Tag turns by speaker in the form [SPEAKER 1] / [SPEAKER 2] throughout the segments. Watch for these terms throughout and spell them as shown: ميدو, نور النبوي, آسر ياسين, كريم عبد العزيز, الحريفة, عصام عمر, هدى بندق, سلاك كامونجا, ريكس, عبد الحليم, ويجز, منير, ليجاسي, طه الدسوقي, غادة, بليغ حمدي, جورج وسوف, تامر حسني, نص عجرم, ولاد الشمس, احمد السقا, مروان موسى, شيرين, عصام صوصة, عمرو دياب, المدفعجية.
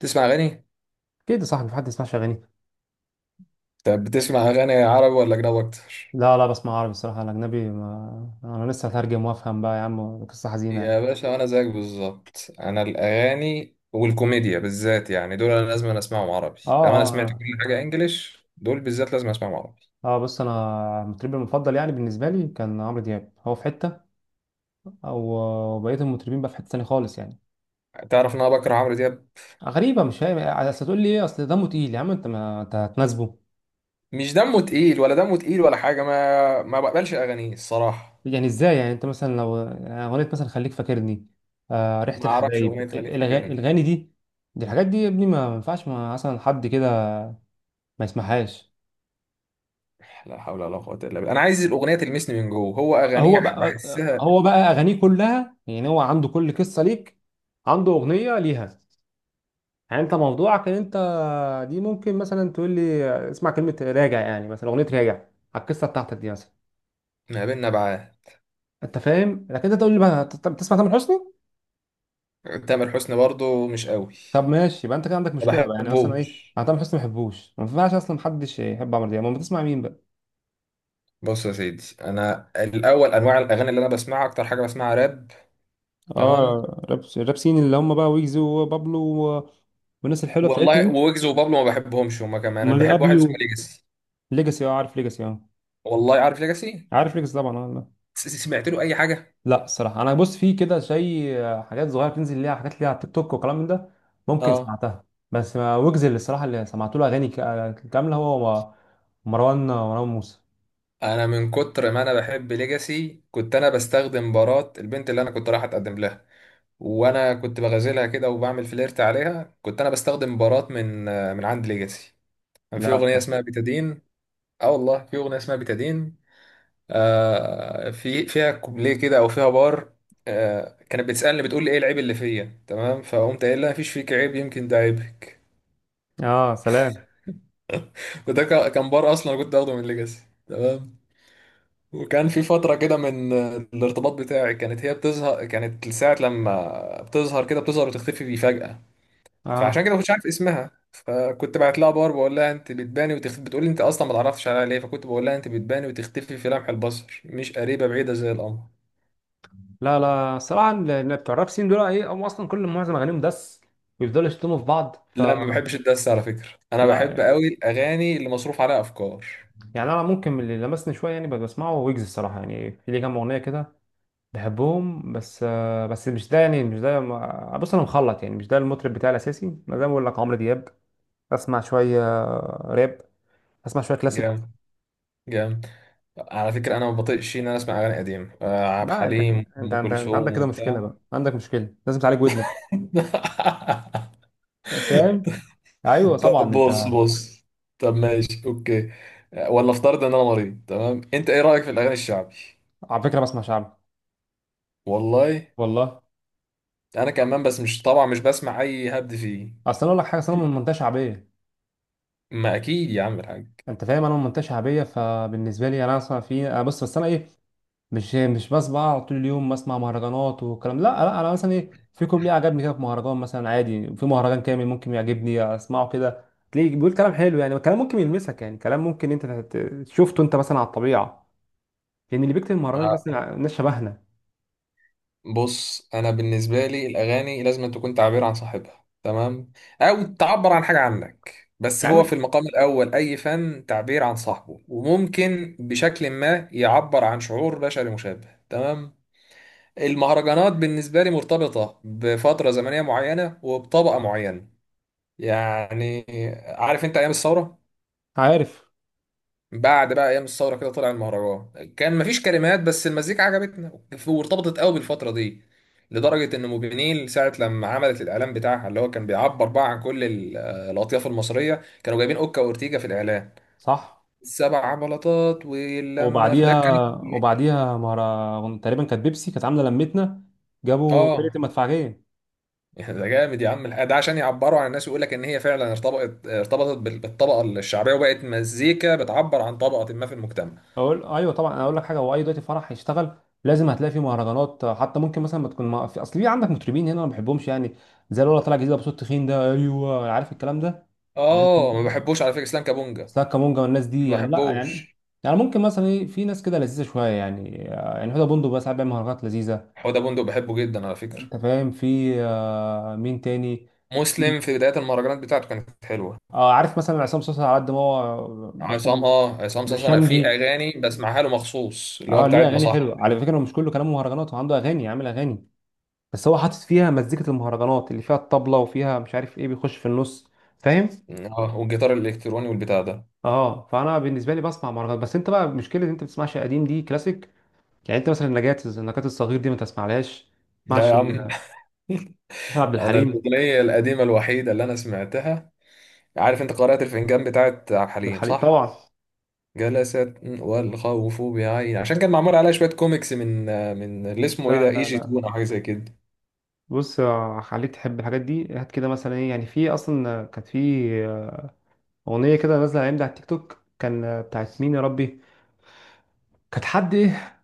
[SPEAKER 1] تسمع اغاني؟
[SPEAKER 2] اكيد يا صاحبي، في حد يسمعش اغاني؟
[SPEAKER 1] طب، بتسمع اغاني عربي ولا اجنبي اكتر؟
[SPEAKER 2] لا بسمع عربي الصراحه. الاجنبي ما... انا لسه هترجم وافهم، بقى يا عم قصه حزينه يعني.
[SPEAKER 1] يا باشا، انا زيك بالظبط. انا الاغاني والكوميديا بالذات يعني دول انا لازم اسمعهم عربي.
[SPEAKER 2] اه
[SPEAKER 1] لو انا
[SPEAKER 2] اه
[SPEAKER 1] سمعت
[SPEAKER 2] اه
[SPEAKER 1] كل حاجه انجليش، دول بالذات لازم اسمعهم عربي.
[SPEAKER 2] بص انا مطربي المفضل، يعني بالنسبه لي، كان عمرو دياب. هو في حته او بقيه المطربين بقى في حته ثانيه خالص يعني.
[SPEAKER 1] تعرف ان انا بكره عمرو دياب؟
[SPEAKER 2] غريبه، مش فاهم. اصل تقول لي ايه؟ اصل دمه تقيل يا عم؟ انت ما انت هتناسبه.
[SPEAKER 1] مش دمه تقيل ولا دمه تقيل ولا حاجه، ما بقبلش اغانيه الصراحه.
[SPEAKER 2] يعني ازاي؟ يعني انت مثلا لو اغنيه مثلا خليك فاكرني، ريحه
[SPEAKER 1] ما اعرفش
[SPEAKER 2] الحبايب،
[SPEAKER 1] اغنيه تخليك فاكرني.
[SPEAKER 2] الاغاني دي، دي الحاجات دي يا ابني، ما ينفعش مثلا حد كده ما يسمعهاش.
[SPEAKER 1] لا حول ولا قوه الا بالله، انا عايز الاغنيه تلمسني من جوه، هو اغانيه
[SPEAKER 2] هو بقى
[SPEAKER 1] بحسها
[SPEAKER 2] هو بقى اغانيه كلها يعني، هو عنده كل قصه ليك، عنده اغنيه ليها. يعني انت موضوعك ان انت، دي ممكن مثلا تقول لي اسمع كلمه راجع، يعني مثلا اغنيه راجع على القصه بتاعتك دي مثلا.
[SPEAKER 1] ما بين نبعات.
[SPEAKER 2] انت فاهم؟ لكن انت تقول لي بقى، طب تسمع تامر حسني؟
[SPEAKER 1] تامر حسني برضو مش قوي.
[SPEAKER 2] طب ماشي، يبقى انت كده عندك
[SPEAKER 1] ما
[SPEAKER 2] مشكله بقى. يعني مثلا ايه؟
[SPEAKER 1] بحبوش.
[SPEAKER 2] انا تامر حسني ما بحبوش، ما ينفعش اصلا، محدش يحب عمرو دياب. امال بتسمع مين بقى؟
[SPEAKER 1] بص يا سيدي، انا الاول انواع الاغاني اللي انا بسمعها اكتر حاجه بسمعها راب. تمام.
[SPEAKER 2] اه راب، رابسين اللي هم بقى ويجز وبابلو و- والناس الحلوه بتاعتنا
[SPEAKER 1] والله
[SPEAKER 2] دي.
[SPEAKER 1] ويجز وبابلو ما بحبهمش هما كمان، انا
[SPEAKER 2] امال ايه؟
[SPEAKER 1] بحب واحد اسمه
[SPEAKER 2] ابيو؟
[SPEAKER 1] ليجاسي.
[SPEAKER 2] ليجاسي، اه عارف ليجاسي اه.
[SPEAKER 1] والله عارف ليجاسي.
[SPEAKER 2] عارف ريكس طبعا، اه لا.
[SPEAKER 1] سمعت له اي حاجه؟
[SPEAKER 2] لا الصراحه، انا بص في كده شيء آه، حاجات صغيره بتنزل ليها، حاجات ليها على التيك توك وكلام من ده، ممكن
[SPEAKER 1] اه.
[SPEAKER 2] سمعتها. بس ما ويجز، اللي الصراحه اللي سمعت له اغاني كامله، هو مروان موسى.
[SPEAKER 1] انا من كتر ما انا بحب ليجاسي، كنت انا بستخدم بارات البنت اللي انا كنت رايح اتقدم لها. وانا كنت بغازلها كده وبعمل فليرت عليها، كنت انا بستخدم بارات من عند ليجاسي. كان في
[SPEAKER 2] لا
[SPEAKER 1] اغنيه
[SPEAKER 2] كان-
[SPEAKER 1] اسمها بيتادين. اه والله، في اغنيه اسمها بيتادين. في فيها كوبليه كده او فيها بار. كانت بتسالني بتقول لي: ايه العيب اللي فيا، تمام؟ فقمت قايل لها: مفيش فيك عيب، يمكن ده عيبك.
[SPEAKER 2] اه سلام.
[SPEAKER 1] وده كان بار اصلا، أنا كنت اخده من ليجاسي، تمام. وكان في فتره كده من الارتباط بتاعي كانت هي بتظهر، كانت ساعه لما بتظهر كده بتظهر وتختفي بيه فجاه. فعشان
[SPEAKER 2] اه
[SPEAKER 1] كده ما كنتش عارف اسمها، فكنت بعت لها بار بقول لها: انت بتباني وتختفي، بتقول لي: انت اصلا ما تعرفش عليها ليه، فكنت بقول لها: انت بتباني وتختفي في لمح البصر، مش قريبه بعيده زي القمر.
[SPEAKER 2] لا لا صراحة، بتوع الراب سين دول، ايه هم اصلا؟ كل معظم اغانيهم دس، ويفضلوا يشتموا في بعض،
[SPEAKER 1] لا، ما بحبش الدس على فكرة. انا بحب
[SPEAKER 2] لا.
[SPEAKER 1] قوي الاغاني اللي مصروف عليها افكار.
[SPEAKER 2] يعني انا ممكن، من اللي لمسني شويه يعني، بسمعه ويجز الصراحه، يعني في ليه كام اغنيه كده بحبهم. بس مش ده يعني، مش ده بص انا مخلط يعني، مش ده المطرب بتاعي الاساسي. انا زي ما بقول لك عمرو دياب. اسمع شويه راب، اسمع شويه كلاسيك.
[SPEAKER 1] جامد. جامد. على فكرة انا ما بطيقش ان انا اسمع اغاني قديمة، عبد
[SPEAKER 2] لا انت،
[SPEAKER 1] الحليم،
[SPEAKER 2] انت
[SPEAKER 1] ام
[SPEAKER 2] انت, انت
[SPEAKER 1] كلثوم
[SPEAKER 2] عندك كده مشكله
[SPEAKER 1] وبتاع.
[SPEAKER 2] بقى، عندك مشكله لازم تعالج ودنك. فاهم؟ ايوه
[SPEAKER 1] طب
[SPEAKER 2] طبعا انت.
[SPEAKER 1] بص بص. طب، ماشي، اوكي. ولا افترض ان انا مريض، تمام، انت ايه رأيك في الاغاني الشعبي؟
[SPEAKER 2] على فكره بسمع شعبي،
[SPEAKER 1] والله.
[SPEAKER 2] والله.
[SPEAKER 1] انا كمان، بس مش طبعا مش بسمع اي هبد فيه.
[SPEAKER 2] اصل انا اقول لك حاجه، أصل انا من منطقه شعبيه.
[SPEAKER 1] ما اكيد يا عم الحاج.
[SPEAKER 2] انت فاهم؟ انا من منطقه شعبيه، فبالنسبه لي انا اصلا في، أنا بص، بس انا ايه، مش مش بس بقى طول اليوم بسمع مهرجانات والكلام؟ لا لا، انا مثلا ايه، في كوبليه عجبني كده في مهرجان مثلا، عادي في مهرجان كامل ممكن يعجبني اسمعه كده. تلاقيه بيقول كلام حلو يعني، كلام ممكن يلمسك، يعني كلام ممكن انت شفته انت مثلا على الطبيعه، لان اللي بيكتب المهرجان ده
[SPEAKER 1] آه،
[SPEAKER 2] اصلا ناس شبهنا.
[SPEAKER 1] بص، انا بالنسبه لي الاغاني لازم تكون تعبير عن صاحبها، تمام. او تعبر عن حاجه عنك، بس
[SPEAKER 2] يا
[SPEAKER 1] هو
[SPEAKER 2] عم
[SPEAKER 1] في المقام الاول اي فن تعبير عن صاحبه، وممكن بشكل ما يعبر عن شعور بشري مشابه، تمام. المهرجانات بالنسبه لي مرتبطه بفتره زمنيه معينه وبطبقه معينه. يعني، عارف انت ايام الثوره؟
[SPEAKER 2] عارف،
[SPEAKER 1] بعد بقى ايام الثوره كده طلع المهرجان، كان مفيش كلمات بس المزيكا عجبتنا. وارتبطت قوي بالفتره دي. لدرجه ان موبينيل ساعه لما عملت الاعلان بتاعها اللي هو كان بيعبر بقى عن كل الاطياف المصريه، كانوا جايبين اوكا واورتيجا في الاعلان.
[SPEAKER 2] صح.
[SPEAKER 1] السبع بلاطات، ولما في ده
[SPEAKER 2] وبعديها،
[SPEAKER 1] كان.
[SPEAKER 2] وبعديها مهرجان تقريبا كانت بيبسي، كانت عامله لمتنا، جابوا فرقه
[SPEAKER 1] اه.
[SPEAKER 2] المدفعجيه.
[SPEAKER 1] ده جامد يا عم، ده عشان يعبروا عن الناس، ويقول لك ان هي فعلا ارتبطت بالطبقه الشعبيه، وبقت مزيكا بتعبر عن طبقه ما في المجتمع.
[SPEAKER 2] اقول ايوه طبعا، انا اقول لك حاجه، هو اي دلوقتي فرح هيشتغل لازم هتلاقي فيه مهرجانات، حتى ممكن مثلا ما تكون ما... في اصل في عندك مطربين هنا انا ما بحبهمش يعني، زي الولا طالع جديد بصوت تخين ده، ايوه عارف الكلام ده. عارف.
[SPEAKER 1] اه، ما بحبوش على فكره، اسلام كابونجا.
[SPEAKER 2] سلاك كامونجا والناس دي
[SPEAKER 1] ما
[SPEAKER 2] يعني، لا يعني.
[SPEAKER 1] بحبوش.
[SPEAKER 2] يعني ممكن مثلا في ناس كده لذيذه شويه يعني، يعني هدى بندق بقى ساعات بيعمل مهرجانات لذيذه.
[SPEAKER 1] حوده بندق بحبه جدا على فكره.
[SPEAKER 2] انت فاهم؟ في مين تاني؟
[SPEAKER 1] مسلم في بدايه المهرجانات بتاعته كانت حلوه.
[SPEAKER 2] اه عارف، مثلا عصام صوصه، على قد ما هو
[SPEAKER 1] عصام صاصا، انا في
[SPEAKER 2] بشمجي،
[SPEAKER 1] اغاني بسمعها له مخصوص اللي هو
[SPEAKER 2] اه ليه
[SPEAKER 1] بتاعت
[SPEAKER 2] اغاني
[SPEAKER 1] مصحة
[SPEAKER 2] حلوه على
[SPEAKER 1] دي.
[SPEAKER 2] فكره، هو مش كله كلامه مهرجانات، هو عنده اغاني، عامل اغاني، بس هو حاطط فيها مزيكة المهرجانات اللي فيها الطبلة وفيها مش عارف ايه، بيخش في النص. فاهم؟
[SPEAKER 1] اه، والجيتار الالكتروني والبتاع ده.
[SPEAKER 2] اه. فانا بالنسبة لي بسمع مهرجانات، بس انت بقى مشكلة ان انت بتسمعش قديم، دي كلاسيك. يعني انت مثلا النجاة الصغير دي ما تسمعلهاش؟ ما
[SPEAKER 1] لا
[SPEAKER 2] تسمعش
[SPEAKER 1] يا عم.
[SPEAKER 2] عشان عبد
[SPEAKER 1] انا
[SPEAKER 2] الحليم؟
[SPEAKER 1] الاغنيه القديمه الوحيده اللي انا سمعتها، عارف انت قارئة الفنجان بتاعت عبد
[SPEAKER 2] عبد
[SPEAKER 1] الحليم،
[SPEAKER 2] الحليم
[SPEAKER 1] صح؟
[SPEAKER 2] طبعا.
[SPEAKER 1] جلست والخوف بعين، عشان كان معمول عليها شويه كوميكس من اللي اسمه ايه
[SPEAKER 2] لا
[SPEAKER 1] ده، اي
[SPEAKER 2] لا
[SPEAKER 1] جي
[SPEAKER 2] لا،
[SPEAKER 1] تون او حاجه زي كده.
[SPEAKER 2] بص خليك تحب الحاجات دي. هات كده مثلا ايه، يعني في اصلا كانت في آه، اغنية كده نازلة الايام دي على التيك توك، كان بتاعت مين يا ربي، كانت حد ايه،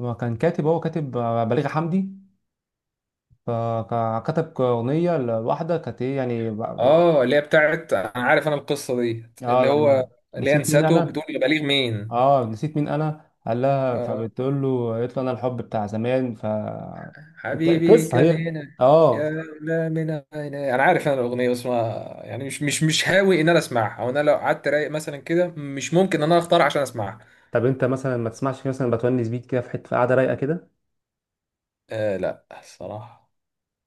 [SPEAKER 2] هو كان كاتب، هو كاتب بليغ حمدي، فكتب أغنية لواحدة كانت إيه يعني
[SPEAKER 1] اه، اللي هي بتاعت، انا عارف انا القصه دي،
[SPEAKER 2] آه
[SPEAKER 1] اللي هو
[SPEAKER 2] لما
[SPEAKER 1] اللي هي
[SPEAKER 2] نسيت مين
[SPEAKER 1] نساته
[SPEAKER 2] أنا،
[SPEAKER 1] بتقول: يا بليغ مين؟
[SPEAKER 2] آه نسيت مين أنا، قال لها،
[SPEAKER 1] اه،
[SPEAKER 2] فبتقول له، قالت له أنا الحب بتاع زمان، أنت
[SPEAKER 1] حبيبي
[SPEAKER 2] قصة
[SPEAKER 1] كان
[SPEAKER 2] هي،
[SPEAKER 1] هنا، يا،
[SPEAKER 2] آه.
[SPEAKER 1] لا، من هنا انا عارف انا الاغنيه، بس ما، يعني مش هاوي ان انا اسمعها، او انا لو قعدت رايق مثلا كده مش ممكن ان انا اختار عشان اسمعها.
[SPEAKER 2] طب أنت مثلا ما تسمعش كده مثلا بتونس بيك كده في حتة في قاعدة رايقة كده؟
[SPEAKER 1] لا الصراحه.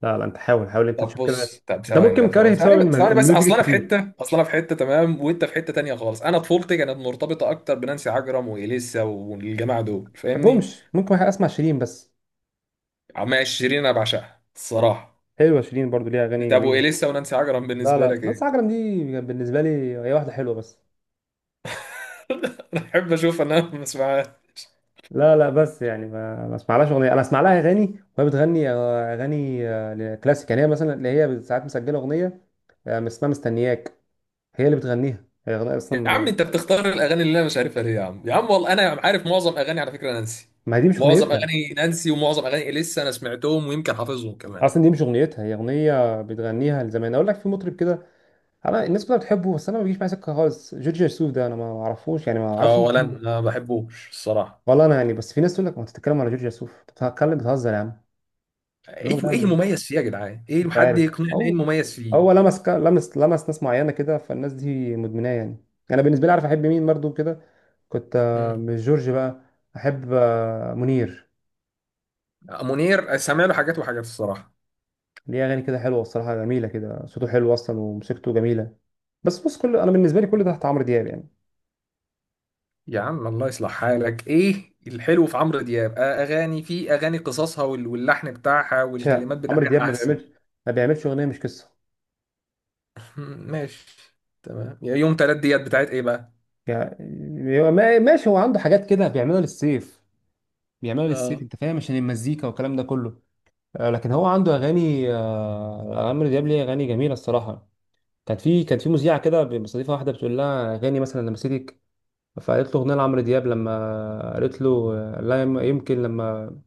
[SPEAKER 2] لا لا، أنت حاول، حاول أنت
[SPEAKER 1] طب،
[SPEAKER 2] تشوف كده.
[SPEAKER 1] بص، طب
[SPEAKER 2] أنت
[SPEAKER 1] ثواني
[SPEAKER 2] ممكن
[SPEAKER 1] طب ثواني
[SPEAKER 2] كاره بسبب
[SPEAKER 1] ثواني بس ثواني بس،
[SPEAKER 2] الميوزك الكتير، ما
[SPEAKER 1] اصل انا في حته، تمام، وانت في حته تانية خالص، انا طفولتي كانت مرتبطه اكتر بنانسي عجرم واليسا والجماعه دول، فاهمني؟
[SPEAKER 2] بحبهمش. ممكن أسمع شيرين بس.
[SPEAKER 1] عمال شيرين انا بعشقها الصراحه.
[SPEAKER 2] حلوة شيرين، برضو ليها أغاني
[SPEAKER 1] طب،
[SPEAKER 2] جميلة.
[SPEAKER 1] واليسا ونانسي عجرم
[SPEAKER 2] لا
[SPEAKER 1] بالنسبه
[SPEAKER 2] لا
[SPEAKER 1] لك
[SPEAKER 2] نص
[SPEAKER 1] ايه؟
[SPEAKER 2] عجرم دي بالنسبة لي، هي واحدة حلوة بس.
[SPEAKER 1] انا احب اشوف ان انا ما اسمعهاش.
[SPEAKER 2] لا لا، بس يعني ما اسمعلهاش اغنيه، انا اسمع لها اغاني، وهي بتغني اغاني كلاسيك يعني، هي مثلا اللي هي ساعات مسجله اغنيه اسمها مستنياك، هي اللي بتغنيها. هي اغنيه اصلا
[SPEAKER 1] يا عم
[SPEAKER 2] ما،
[SPEAKER 1] انت بتختار الاغاني اللي انا مش عارفها ليه يا عم يا عم؟ والله انا عارف معظم اغاني على فكره نانسي.
[SPEAKER 2] ما هي دي مش
[SPEAKER 1] معظم
[SPEAKER 2] اغنيتها،
[SPEAKER 1] اغاني نانسي ومعظم اغاني اليسا انا سمعتهم، ويمكن حافظهم كمان.
[SPEAKER 2] اصلا دي مش اغنيتها، هي اغنيه بتغنيها. لزمان اقول لك في مطرب كده، انا الناس كلها بتحبه بس انا ما بيجيش معايا سكه خالص، جورج وسوف ده انا ما اعرفوش يعني، ما اعرفش
[SPEAKER 1] اه،
[SPEAKER 2] ليه
[SPEAKER 1] ولا انا
[SPEAKER 2] بتحبه.
[SPEAKER 1] ما بحبوش الصراحه.
[SPEAKER 2] والله انا يعني، بس في ناس تقول لك ما تتكلم على جورج وسوف، بتتكلم بتهزر يا عم.
[SPEAKER 1] ايه،
[SPEAKER 2] الراجل
[SPEAKER 1] ايه
[SPEAKER 2] ده
[SPEAKER 1] المميز فيه يا جدعان؟ ايه؟
[SPEAKER 2] مش
[SPEAKER 1] حد
[SPEAKER 2] عارف
[SPEAKER 1] يقنعني ايه
[SPEAKER 2] هو،
[SPEAKER 1] المميز فيه؟
[SPEAKER 2] هو لمس لمس ناس معينه كده، فالناس دي مدمناه يعني. انا بالنسبه لي، عارف احب مين برضو كده؟ كنت
[SPEAKER 1] مم.
[SPEAKER 2] مش جورج بقى، احب منير.
[SPEAKER 1] منير، سامع له حاجات وحاجات الصراحه.
[SPEAKER 2] ليه اغاني كده حلوه الصراحه، جميله كده، صوته حلو اصلا وموسيقته جميله. بس بص، انا بالنسبه لي كل ده تحت عمرو دياب يعني.
[SPEAKER 1] يا عم الله يصلح حالك، ايه الحلو في عمرو دياب؟ اغاني، في اغاني قصصها واللحن بتاعها
[SPEAKER 2] مش ه-
[SPEAKER 1] والكلمات
[SPEAKER 2] عمرو دياب
[SPEAKER 1] بتاعها
[SPEAKER 2] ما
[SPEAKER 1] احسن.
[SPEAKER 2] بيعملش، ما بيعملش اغنيه مش قصه.
[SPEAKER 1] مم، ماشي. تمام، يا يوم تلات ديات بتاعت ايه بقى؟
[SPEAKER 2] يعني هو ماشي هو عنده حاجات كده بيعملها للسيف، بيعملها
[SPEAKER 1] اه.
[SPEAKER 2] للسيف. انت فاهم، عشان المزيكا والكلام ده كله، لكن هو عنده اغاني عمرو دياب ليه اغاني جميله الصراحه. كانت في مذيعه كده بتستضيفها واحده، بتقول لها اغاني مثلا لما مسيتك، فقالت له اغنيه لعمرو دياب لما قالت له لا يمكن لما،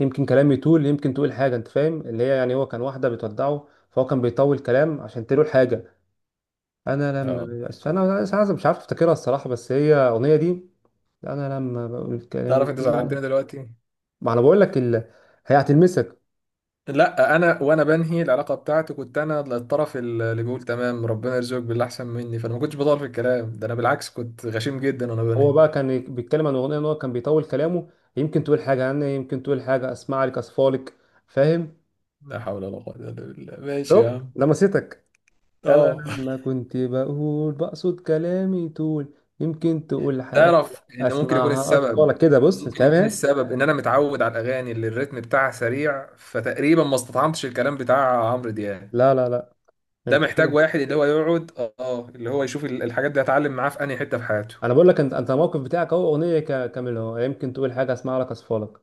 [SPEAKER 2] يمكن كلامي يطول، يمكن تقول حاجه. انت فاهم اللي هي يعني، هو كان واحده بتودعه، فهو كان بيطول كلام عشان تقول حاجه. انا لما
[SPEAKER 1] اه.
[SPEAKER 2] انا مش عارف، مش عارف افتكرها الصراحه، بس هي الاغنيه دي. انا لما بقول كلامي
[SPEAKER 1] تعرف انت
[SPEAKER 2] يطول،
[SPEAKER 1] زعلتني دلوقتي؟
[SPEAKER 2] ما انا بقول لك هي هتلمسك.
[SPEAKER 1] لا، انا وانا بنهي العلاقه بتاعتي كنت انا الطرف اللي بيقول: تمام، ربنا يرزقك باللي احسن مني، فانا ما كنتش بطال في الكلام ده، انا بالعكس كنت غشيم جدا وانا بنهي.
[SPEAKER 2] هو بقى كان بيتكلم عن اغنيه ان هو كان بيطول كلامه، يمكن تقول حاجه عني، يمكن تقول حاجه اسمع لك اصفالك. فاهم؟
[SPEAKER 1] لا حول ولا قوه الا بالله، ماشي يا
[SPEAKER 2] شفت
[SPEAKER 1] عم.
[SPEAKER 2] لمستك. انا
[SPEAKER 1] اه.
[SPEAKER 2] لما كنت بقول بقصد كلامي طول، يمكن تقول حاجه،
[SPEAKER 1] تعرف ان
[SPEAKER 2] اسمعها اطفالك كده. بص أنت
[SPEAKER 1] ممكن يكون
[SPEAKER 2] فاهم.
[SPEAKER 1] السبب ان انا متعود على الاغاني اللي الريتم بتاعها سريع، فتقريبا ما استطعمتش الكلام بتاع عمرو دياب.
[SPEAKER 2] لا لا لا،
[SPEAKER 1] ده
[SPEAKER 2] انت
[SPEAKER 1] محتاج
[SPEAKER 2] كده.
[SPEAKER 1] واحد اللي هو يقعد. اه، اللي هو يشوف الحاجات دي هتعلم معاه في انهي حته في حياته.
[SPEAKER 2] انا بقول لك، انت الموقف بتاعك اهو، اغنيه كامله اهو، يمكن تقول حاجه اسمع لك اصفالك.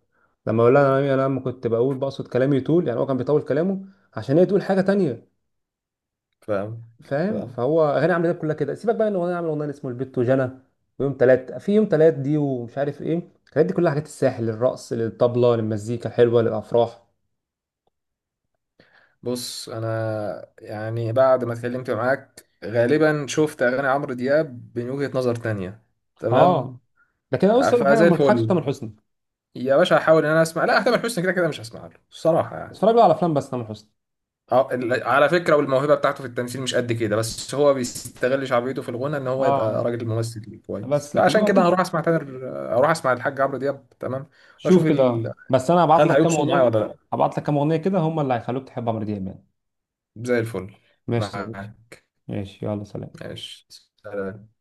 [SPEAKER 2] لما اقول لها، انا لما كنت بقول بقصد كلامي طول، يعني هو كان بيطول كلامه عشان هي تقول حاجه تانية.
[SPEAKER 1] فاهم.
[SPEAKER 2] فاهم؟
[SPEAKER 1] فاهم.
[SPEAKER 2] فهو اغاني عمرو دياب كلها كده. سيبك بقى ان هو عامل اغنيه اسمه البت وجنى ويوم تلات، في يوم تلات دي ومش عارف ايه، الحاجات دي كلها حاجات الساحل للرقص للطبله للمزيكا الحلوه للافراح.
[SPEAKER 1] بص، انا يعني بعد ما اتكلمت معاك غالبا شفت اغاني عمرو دياب من وجهة نظر تانية. تمام.
[SPEAKER 2] اه. لكن انا بص اقول لك حاجه،
[SPEAKER 1] فزي
[SPEAKER 2] أنا ما تضحكش تامر
[SPEAKER 1] الفل.
[SPEAKER 2] حسني،
[SPEAKER 1] يا باشا، هحاول ان انا اسمع، لا تامر حسني كده كده مش هسمع له الصراحه يعني.
[SPEAKER 2] اتفرج له على افلام بس تامر حسني.
[SPEAKER 1] اه، على فكره، والموهبه بتاعته في التمثيل مش قد كده، بس هو بيستغل شعبيته في الغنى ان هو يبقى
[SPEAKER 2] اه
[SPEAKER 1] راجل ممثل كويس،
[SPEAKER 2] بس لكن
[SPEAKER 1] فعشان
[SPEAKER 2] هو
[SPEAKER 1] كده
[SPEAKER 2] ممكن،
[SPEAKER 1] هروح اسمع تامر. اروح اسمع الحاج عمرو دياب، تمام. واشوف
[SPEAKER 2] شوف كده بس، انا هبعت
[SPEAKER 1] هل
[SPEAKER 2] لك كام
[SPEAKER 1] هيقصر معايا
[SPEAKER 2] اغنيه،
[SPEAKER 1] ولا لا؟
[SPEAKER 2] هبعت لك كام اغنيه كده هم اللي هيخلوك تحب عمرو دياب يعني.
[SPEAKER 1] زي الفل.
[SPEAKER 2] ماشي يا صديقي،
[SPEAKER 1] معاك.
[SPEAKER 2] ماشي، يلا سلام.
[SPEAKER 1] ماشي، سلام.